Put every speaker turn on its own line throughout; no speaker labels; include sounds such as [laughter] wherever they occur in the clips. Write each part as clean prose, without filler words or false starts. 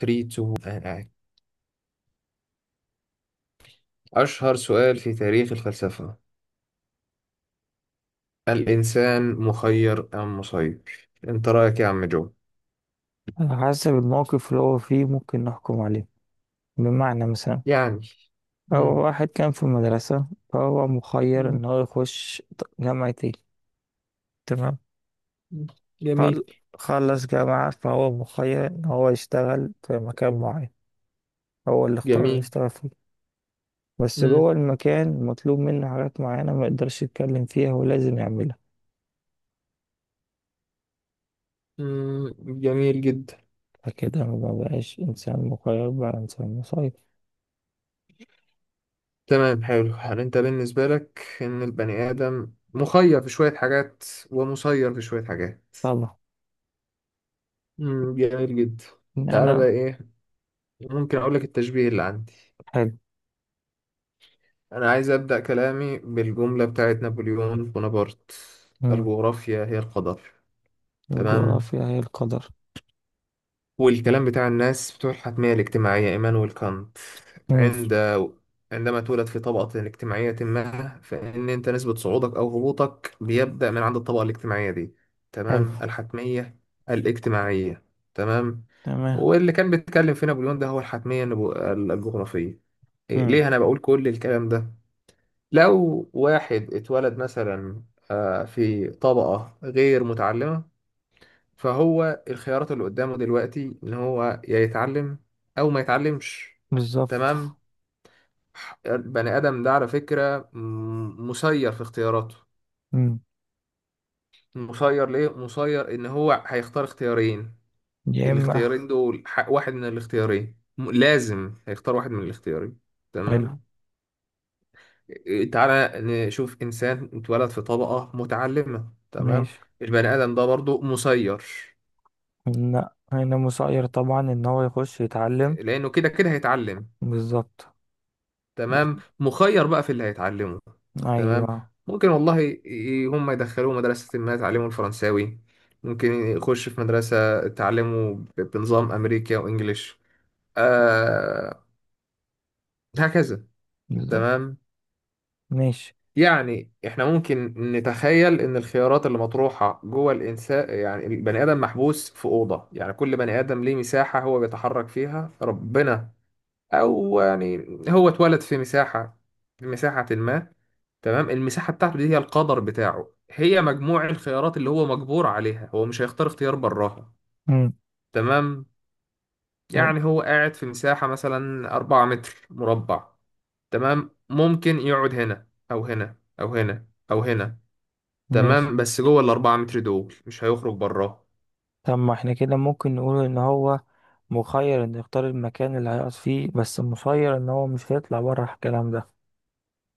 3 2 1. أشهر سؤال في تاريخ الفلسفة: الإنسان مخير أم مسير؟ أنت رأيك إيه يا عم جو؟
على حسب الموقف اللي هو فيه ممكن نحكم عليه، بمعنى مثلا.
يعني.
لو
مم.
واحد كان في المدرسة فهو مخير
مم.
إن هو يخش جامعة ايه. تمام.
مم.
خل...
جميل.
خلص جامعة فهو مخير إن هو يشتغل في مكان معين. هو اللي اختار إنه
جميل.
يشتغل فيه. بس
مم.
جوه المكان مطلوب منه حاجات معينة ما يقدرش يتكلم فيها ولازم يعملها.
مم. جميل جدا.
فكده ما بقاش إنسان مخير، بقى إنسان مسير.
تمام. حلو. هل أنت بالنسبة لك إن البني آدم مخير في شوية حاجات ومسير في شوية حاجات؟
طبعا.
مم. جميل جدا.
إن
تعالى بقى
أنا.
إيه، ممكن أقول لك التشبيه اللي عندي.
حلو.
أنا عايز أبدأ كلامي بالجملة بتاعت نابليون بونابرت:
مم.
الجغرافيا هي القدر. تمام.
الجغرافيا هي القدر.
والكلام بتاع الناس بتوع الحتمية الاجتماعية، إيمانويل كانت،
مم.
عند عندما تولد في طبقة اجتماعية ما فإن أنت نسبة صعودك أو هبوطك بيبدأ من عند الطبقة الاجتماعية دي.
حلو.
تمام. الحتمية الاجتماعية. تمام.
تمام.
واللي كان بيتكلم في نابليون ده هو الحتمية الجغرافية. إيه،
امم.
ليه أنا بقول كل الكلام ده؟ لو واحد اتولد مثلا في طبقة غير متعلمة، فهو الخيارات اللي قدامه دلوقتي إن هو يا يتعلم أو ما يتعلمش.
بالظبط.
تمام. البني آدم ده على فكرة مسير في اختياراته.
مم.
مسير ليه؟ مسير إن هو هيختار اختيارين.
يا اما.
الاختيارين دول، واحد من الاختيارين لازم هيختار واحد من الاختيارين.
حلو.
تمام. تعالى نشوف إنسان اتولد في طبقة متعلمة. تمام.
ماشي.
البني آدم ده برضو مسير.
لا، هنا مسير طبعا ان هو يخش يتعلم.
لأنه كده كده هيتعلم.
بالظبط. بس.
تمام. مخير بقى في اللي هيتعلمه. تمام.
ايوه.
ممكن والله هم يدخلوه مدرسة ما يتعلموا الفرنساوي. ممكن يخش في مدرسة تعلمه بنظام أمريكا وإنجليش. آه. هكذا.
بالظبط.
تمام.
ماشي.
يعني احنا ممكن نتخيل ان الخيارات اللي مطروحة جوه الانسان، يعني البني ادم محبوس في اوضة، يعني كل بني ادم ليه مساحة هو بيتحرك فيها ربنا، او يعني هو اتولد في مساحة ما. تمام. المساحة بتاعته دي هي القدر بتاعه، هي مجموع الخيارات اللي هو مجبور عليها، هو مش هيختار اختيار براها.
مم.
تمام.
طيب،
يعني هو قاعد في مساحة مثلا 4 متر مربع. تمام. ممكن يقعد هنا او هنا او هنا او هنا.
ماشي.
تمام. بس جوه الأربعة متر دول مش هيخرج براها.
طب ما احنا كده ممكن نقول ان هو مخير ان يختار المكان اللي هيقعد فيه، بس مسير ان هو مش هيطلع بره الكلام ده.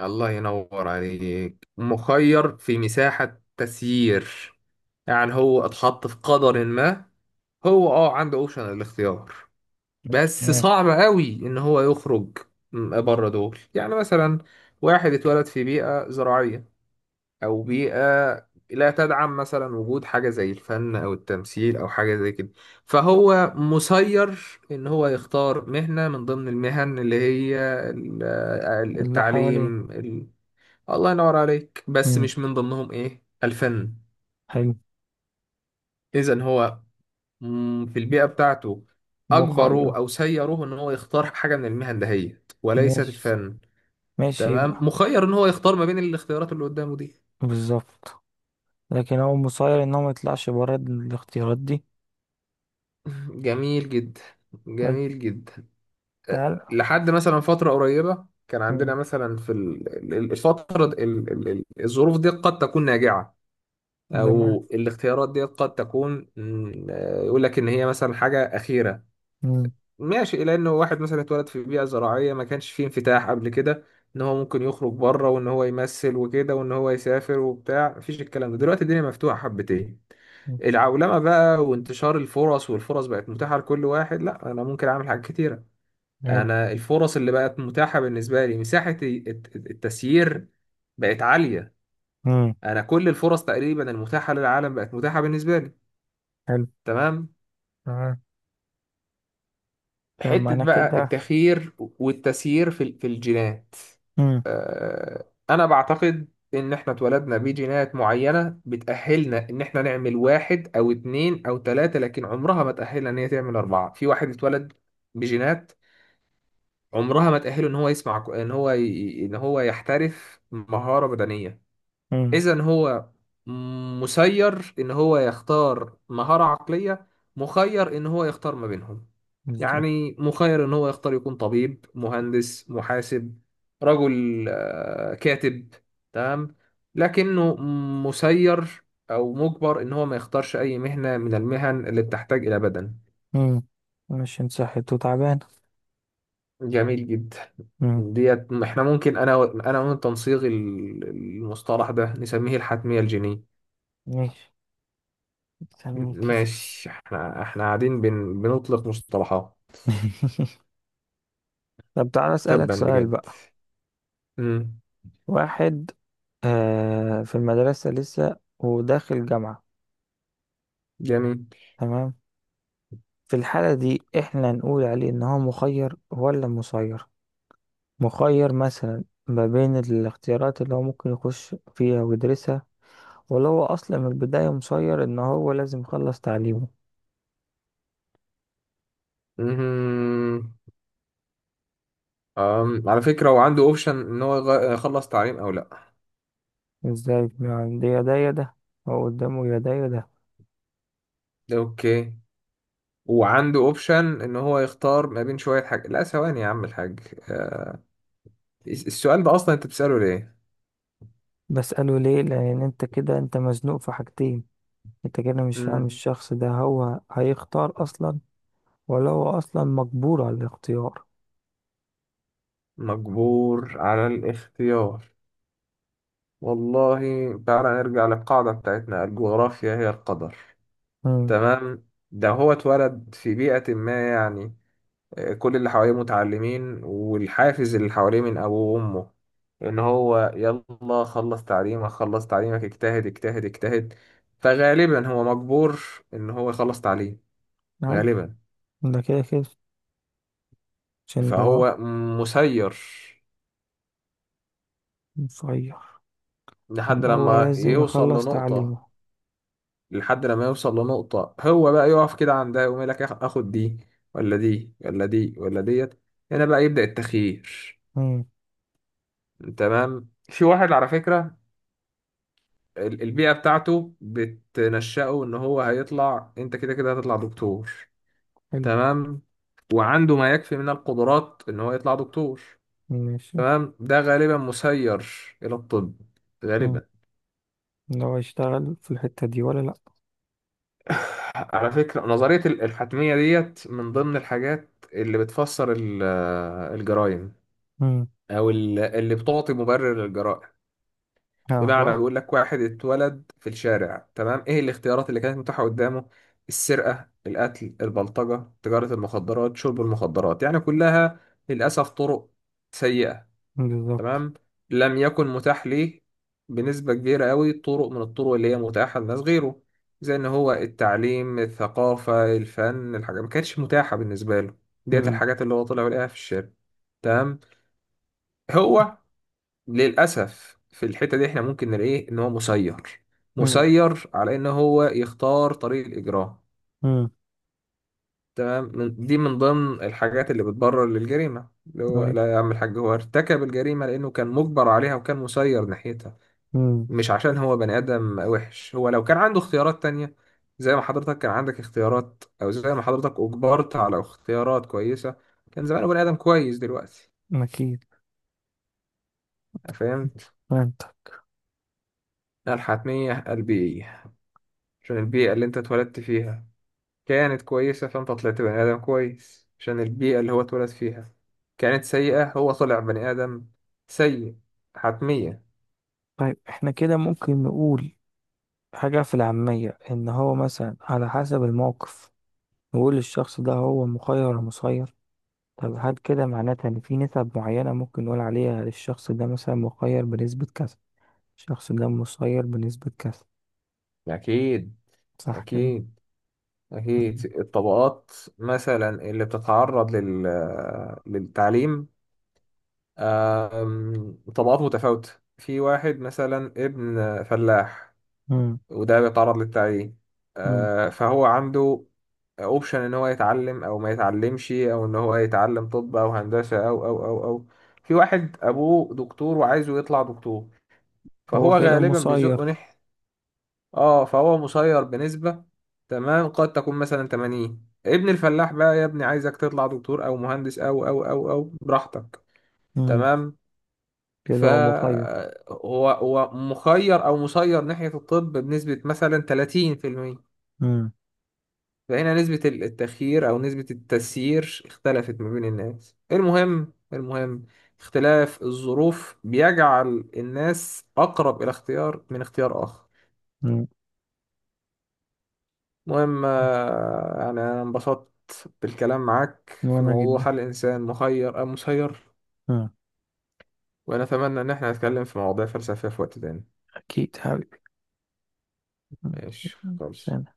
الله ينور عليك. مخير في مساحة تسيير. يعني هو اتحط في قدر ما، هو عنده اوبشن الاختيار، بس
ماشي.
صعب قوي ان هو يخرج بره دول. يعني مثلا واحد اتولد في بيئة زراعية او بيئه لا تدعم مثلا وجود حاجه زي الفن او التمثيل او حاجه زي كده. فهو مسير ان هو يختار مهنه من ضمن المهن اللي هي
اللي حواليه.
التعليم الله ينور عليك، بس
مم.
مش من ضمنهم ايه الفن.
حلو.
اذا هو في البيئه بتاعته
مخير.
اجبروه او سيروه ان هو يختار حاجه من المهن دهيت وليست
ماشي.
الفن.
ماشي
تمام.
يبقى.
مخير ان هو يختار ما بين الاختيارات اللي قدامه دي.
بالظبط. لكن هو مسير ان هو ما يطلعش بره الاختيارات دي.
[laughs] جميل جدا.
طيب.
جميل جدا.
تعال.
لحد مثلا فترة قريبة كان عندنا
مم.
مثلا في ال- ال- ال- الفترة د- ال- ال- ال- الظروف دي قد تكون ناجعة.
بما.
أو الاختيارات دي قد تكون يقول لك إن هي مثلا حاجة أخيرة.
مم.
ماشي. إلى إن واحد مثلا اتولد في بيئة زراعية ما كانش فيه انفتاح قبل كده إن هو ممكن يخرج بره وإن هو يمثل وكده وإن هو يسافر وبتاع، مفيش الكلام ده. دلوقتي الدنيا مفتوحة حبتين،
مم.
العولمة بقى وانتشار الفرص، والفرص بقت متاحة لكل واحد. لا، أنا ممكن أعمل حاجات كتيرة.
حلو.
انا الفرص اللي بقت متاحه بالنسبه لي، مساحه التسيير بقت عاليه.
امم.
انا كل الفرص تقريبا المتاحه للعالم بقت متاحه بالنسبه لي.
حلو.
تمام.
تمام. طب ما
حته
انا
بقى
كده.
التخيير والتسيير في في الجينات.
امم.
انا بعتقد ان احنا اتولدنا بجينات معينه بتاهلنا ان احنا نعمل واحد او اتنين او تلاته، لكن عمرها ما تاهلنا ان هي تعمل اربعه. في واحد اتولد بجينات عمرها ما تأهله ان هو يسمع ك- ان هو ي... ان هو يحترف مهارة بدنية.
امم.
اذا هو مسير ان هو يختار مهارة عقلية، مخير ان هو يختار ما بينهم.
بالظبط.
يعني مخير ان هو يختار يكون طبيب، مهندس، محاسب، رجل، كاتب. تمام. لكنه مسير او مجبر ان هو ما يختارش اي مهنة من المهن اللي بتحتاج الى بدن.
مم. مش انت صحيت وتعبان.
جميل جدا.
امم.
ديت احنا ممكن انا وانت نصيغ المصطلح ده، نسميه الحتمية الجينية.
ماشي. استني كده.
ماشي. احنا قاعدين بنطلق مصطلحات.
[laughs] طب تعالى اسالك
تبا
سؤال
بجد.
بقى.
امم
واحد في المدرسة لسه وداخل جامعة.
جميل.
تمام. في الحالة دي احنا نقول عليه ان هو مخير ولا مسير؟ مخير مثلا ما بين الاختيارات اللي هو ممكن يخش فيها ويدرسها، ولا هو أصلا من البداية مسير إن هو لازم يخلص تعليمه؟
امم على فكرة هو عنده اوبشن ان هو يخلص تعليم او لا.
إزاي يعني؟ ده يا ده يا ده. هو قدامه يا ده يا ده.
اوكي. وعنده اوبشن ان هو يختار ما بين شوية حاجة. لا، ثواني يا عم الحاج. آه، السؤال ده اصلا انت بتسأله ليه؟
بسأله ليه لأن أنت كده أنت مزنوق في حاجتين. أنت كده مش فاهم
امم
الشخص ده هو هيختار أصلا، ولا هو أصلا مجبور على الاختيار.
مجبور على الاختيار. والله، تعالى نرجع للقاعدة بتاعتنا: الجغرافيا هي القدر.
امم.
تمام. ده هو اتولد في بيئة ما، يعني كل اللي حواليه متعلمين، والحافز اللي حواليه من أبوه وأمه إن هو يلا خلص تعليمك خلص تعليمك اجتهد اجتهد اجتهد، فغالبا هو مجبور إن هو يخلص تعليم.
عارف.
غالبا.
ده كده كده. عشان هو.
فهو مسير
مسير.
لحد
إن هو
لما
لازم
يوصل
يخلص
لنقطة
تعليمه.
لحد لما يوصل لنقطة هو بقى يقف كده عندها، يقوم يقول لك آخد دي ولا دي ولا دي ولا ديت. هنا بقى يبدأ التخيير.
امم.
تمام. في واحد على فكرة البيئة بتاعته بتنشأه إن هو هيطلع، أنت كده كده هتطلع دكتور.
حلو.
تمام. وعنده ما يكفي من القدرات إن هو يطلع دكتور.
ماشي.
تمام. ده غالبا مسير إلى الطب. غالبا.
لو هيشتغل في الحتة دي ولا لأ؟
على فكرة نظرية الحتمية ديت من ضمن الحاجات اللي بتفسر الجرائم،
مم.
أو اللي بتعطي مبرر للجرائم.
اه
بمعنى
بقى.
بيقول لك واحد اتولد في الشارع. تمام. إيه الاختيارات اللي كانت متاحة قدامه؟ السرقة، القتل، البلطجة، تجارة المخدرات، شرب المخدرات، يعني كلها للأسف طرق سيئة.
بالظبط.
تمام. لم يكن متاح ليه بنسبة كبيرة قوي طرق من الطرق اللي هي متاحة لناس غيره، زي ان هو التعليم، الثقافة، الفن. الحاجات ما كانتش متاحة بالنسبة له. ديت
مم.
الحاجات اللي هو طلع ولقاها في الشارع. تمام. هو للأسف في الحتة دي احنا ممكن نلاقيه ان هو مسير.
مم.
مسير على ان هو يختار طريق الإجرام.
مم.
تمام. دي من ضمن الحاجات اللي بتبرر للجريمة، اللي هو
طيب.
لا يا عم الحاج، هو ارتكب الجريمة لأنه كان مجبر عليها وكان مسير ناحيتها.
مم.
مش عشان هو بني آدم وحش. هو لو كان عنده اختيارات تانية زي ما حضرتك كان عندك اختيارات، أو زي ما حضرتك أجبرت على اختيارات كويسة، كان زمانه بني آدم كويس دلوقتي.
أكيد.
فهمت.
فهمت.
الحتمية البيئية. عشان البيئة اللي أنت اتولدت فيها كانت كويسة فأنت طلعت بني آدم كويس. عشان البيئة اللي هو اتولد فيها كانت سيئة، هو طلع بني آدم سيء. حتمية.
طيب احنا كده ممكن نقول حاجة في العامية إن هو مثلا على حسب الموقف. نقول الشخص ده هو مخير ولا مسير. طب هل كده معناتها إن في نسب معينة ممكن نقول عليها الشخص ده مثلا مخير بنسبة كذا؟ الشخص ده مسير بنسبة كذا.
أكيد.
صح كده؟
أكيد. أكيد.
مم.
الطبقات مثلا اللي بتتعرض للتعليم طبقات متفاوتة. في واحد مثلا ابن فلاح،
مم.
وده بيتعرض للتعليم،
مم.
فهو عنده اوبشن ان هو يتعلم او ما يتعلمش، او ان هو يتعلم طب او هندسة او او او او. في واحد ابوه دكتور وعايزه يطلع دكتور،
هو
فهو
كده
غالبا بيزقه
مسير.
ناحية. اه فهو مسير بنسبة. تمام. قد تكون مثلا 80. ابن الفلاح بقى يا ابني عايزك تطلع دكتور او مهندس او او او او براحتك. تمام.
كده هو مخير.
فهو مخير او مسير ناحية الطب بنسبة مثلا 30%.
مم.
فهنا نسبة التخيير او نسبة التسيير اختلفت ما بين الناس. المهم. المهم اختلاف الظروف بيجعل الناس اقرب الى اختيار من اختيار اخر.
مم.
المهم يعني أنا انبسطت بالكلام معاك في
وأنا جدا.
موضوع هل الإنسان مخير أم مسير.
مم.
ونتمنى إن احنا نتكلم في مواضيع فلسفية في وقت تاني.
أكيد حبيبي.
ماشي،
مم.
خلاص.
سلام.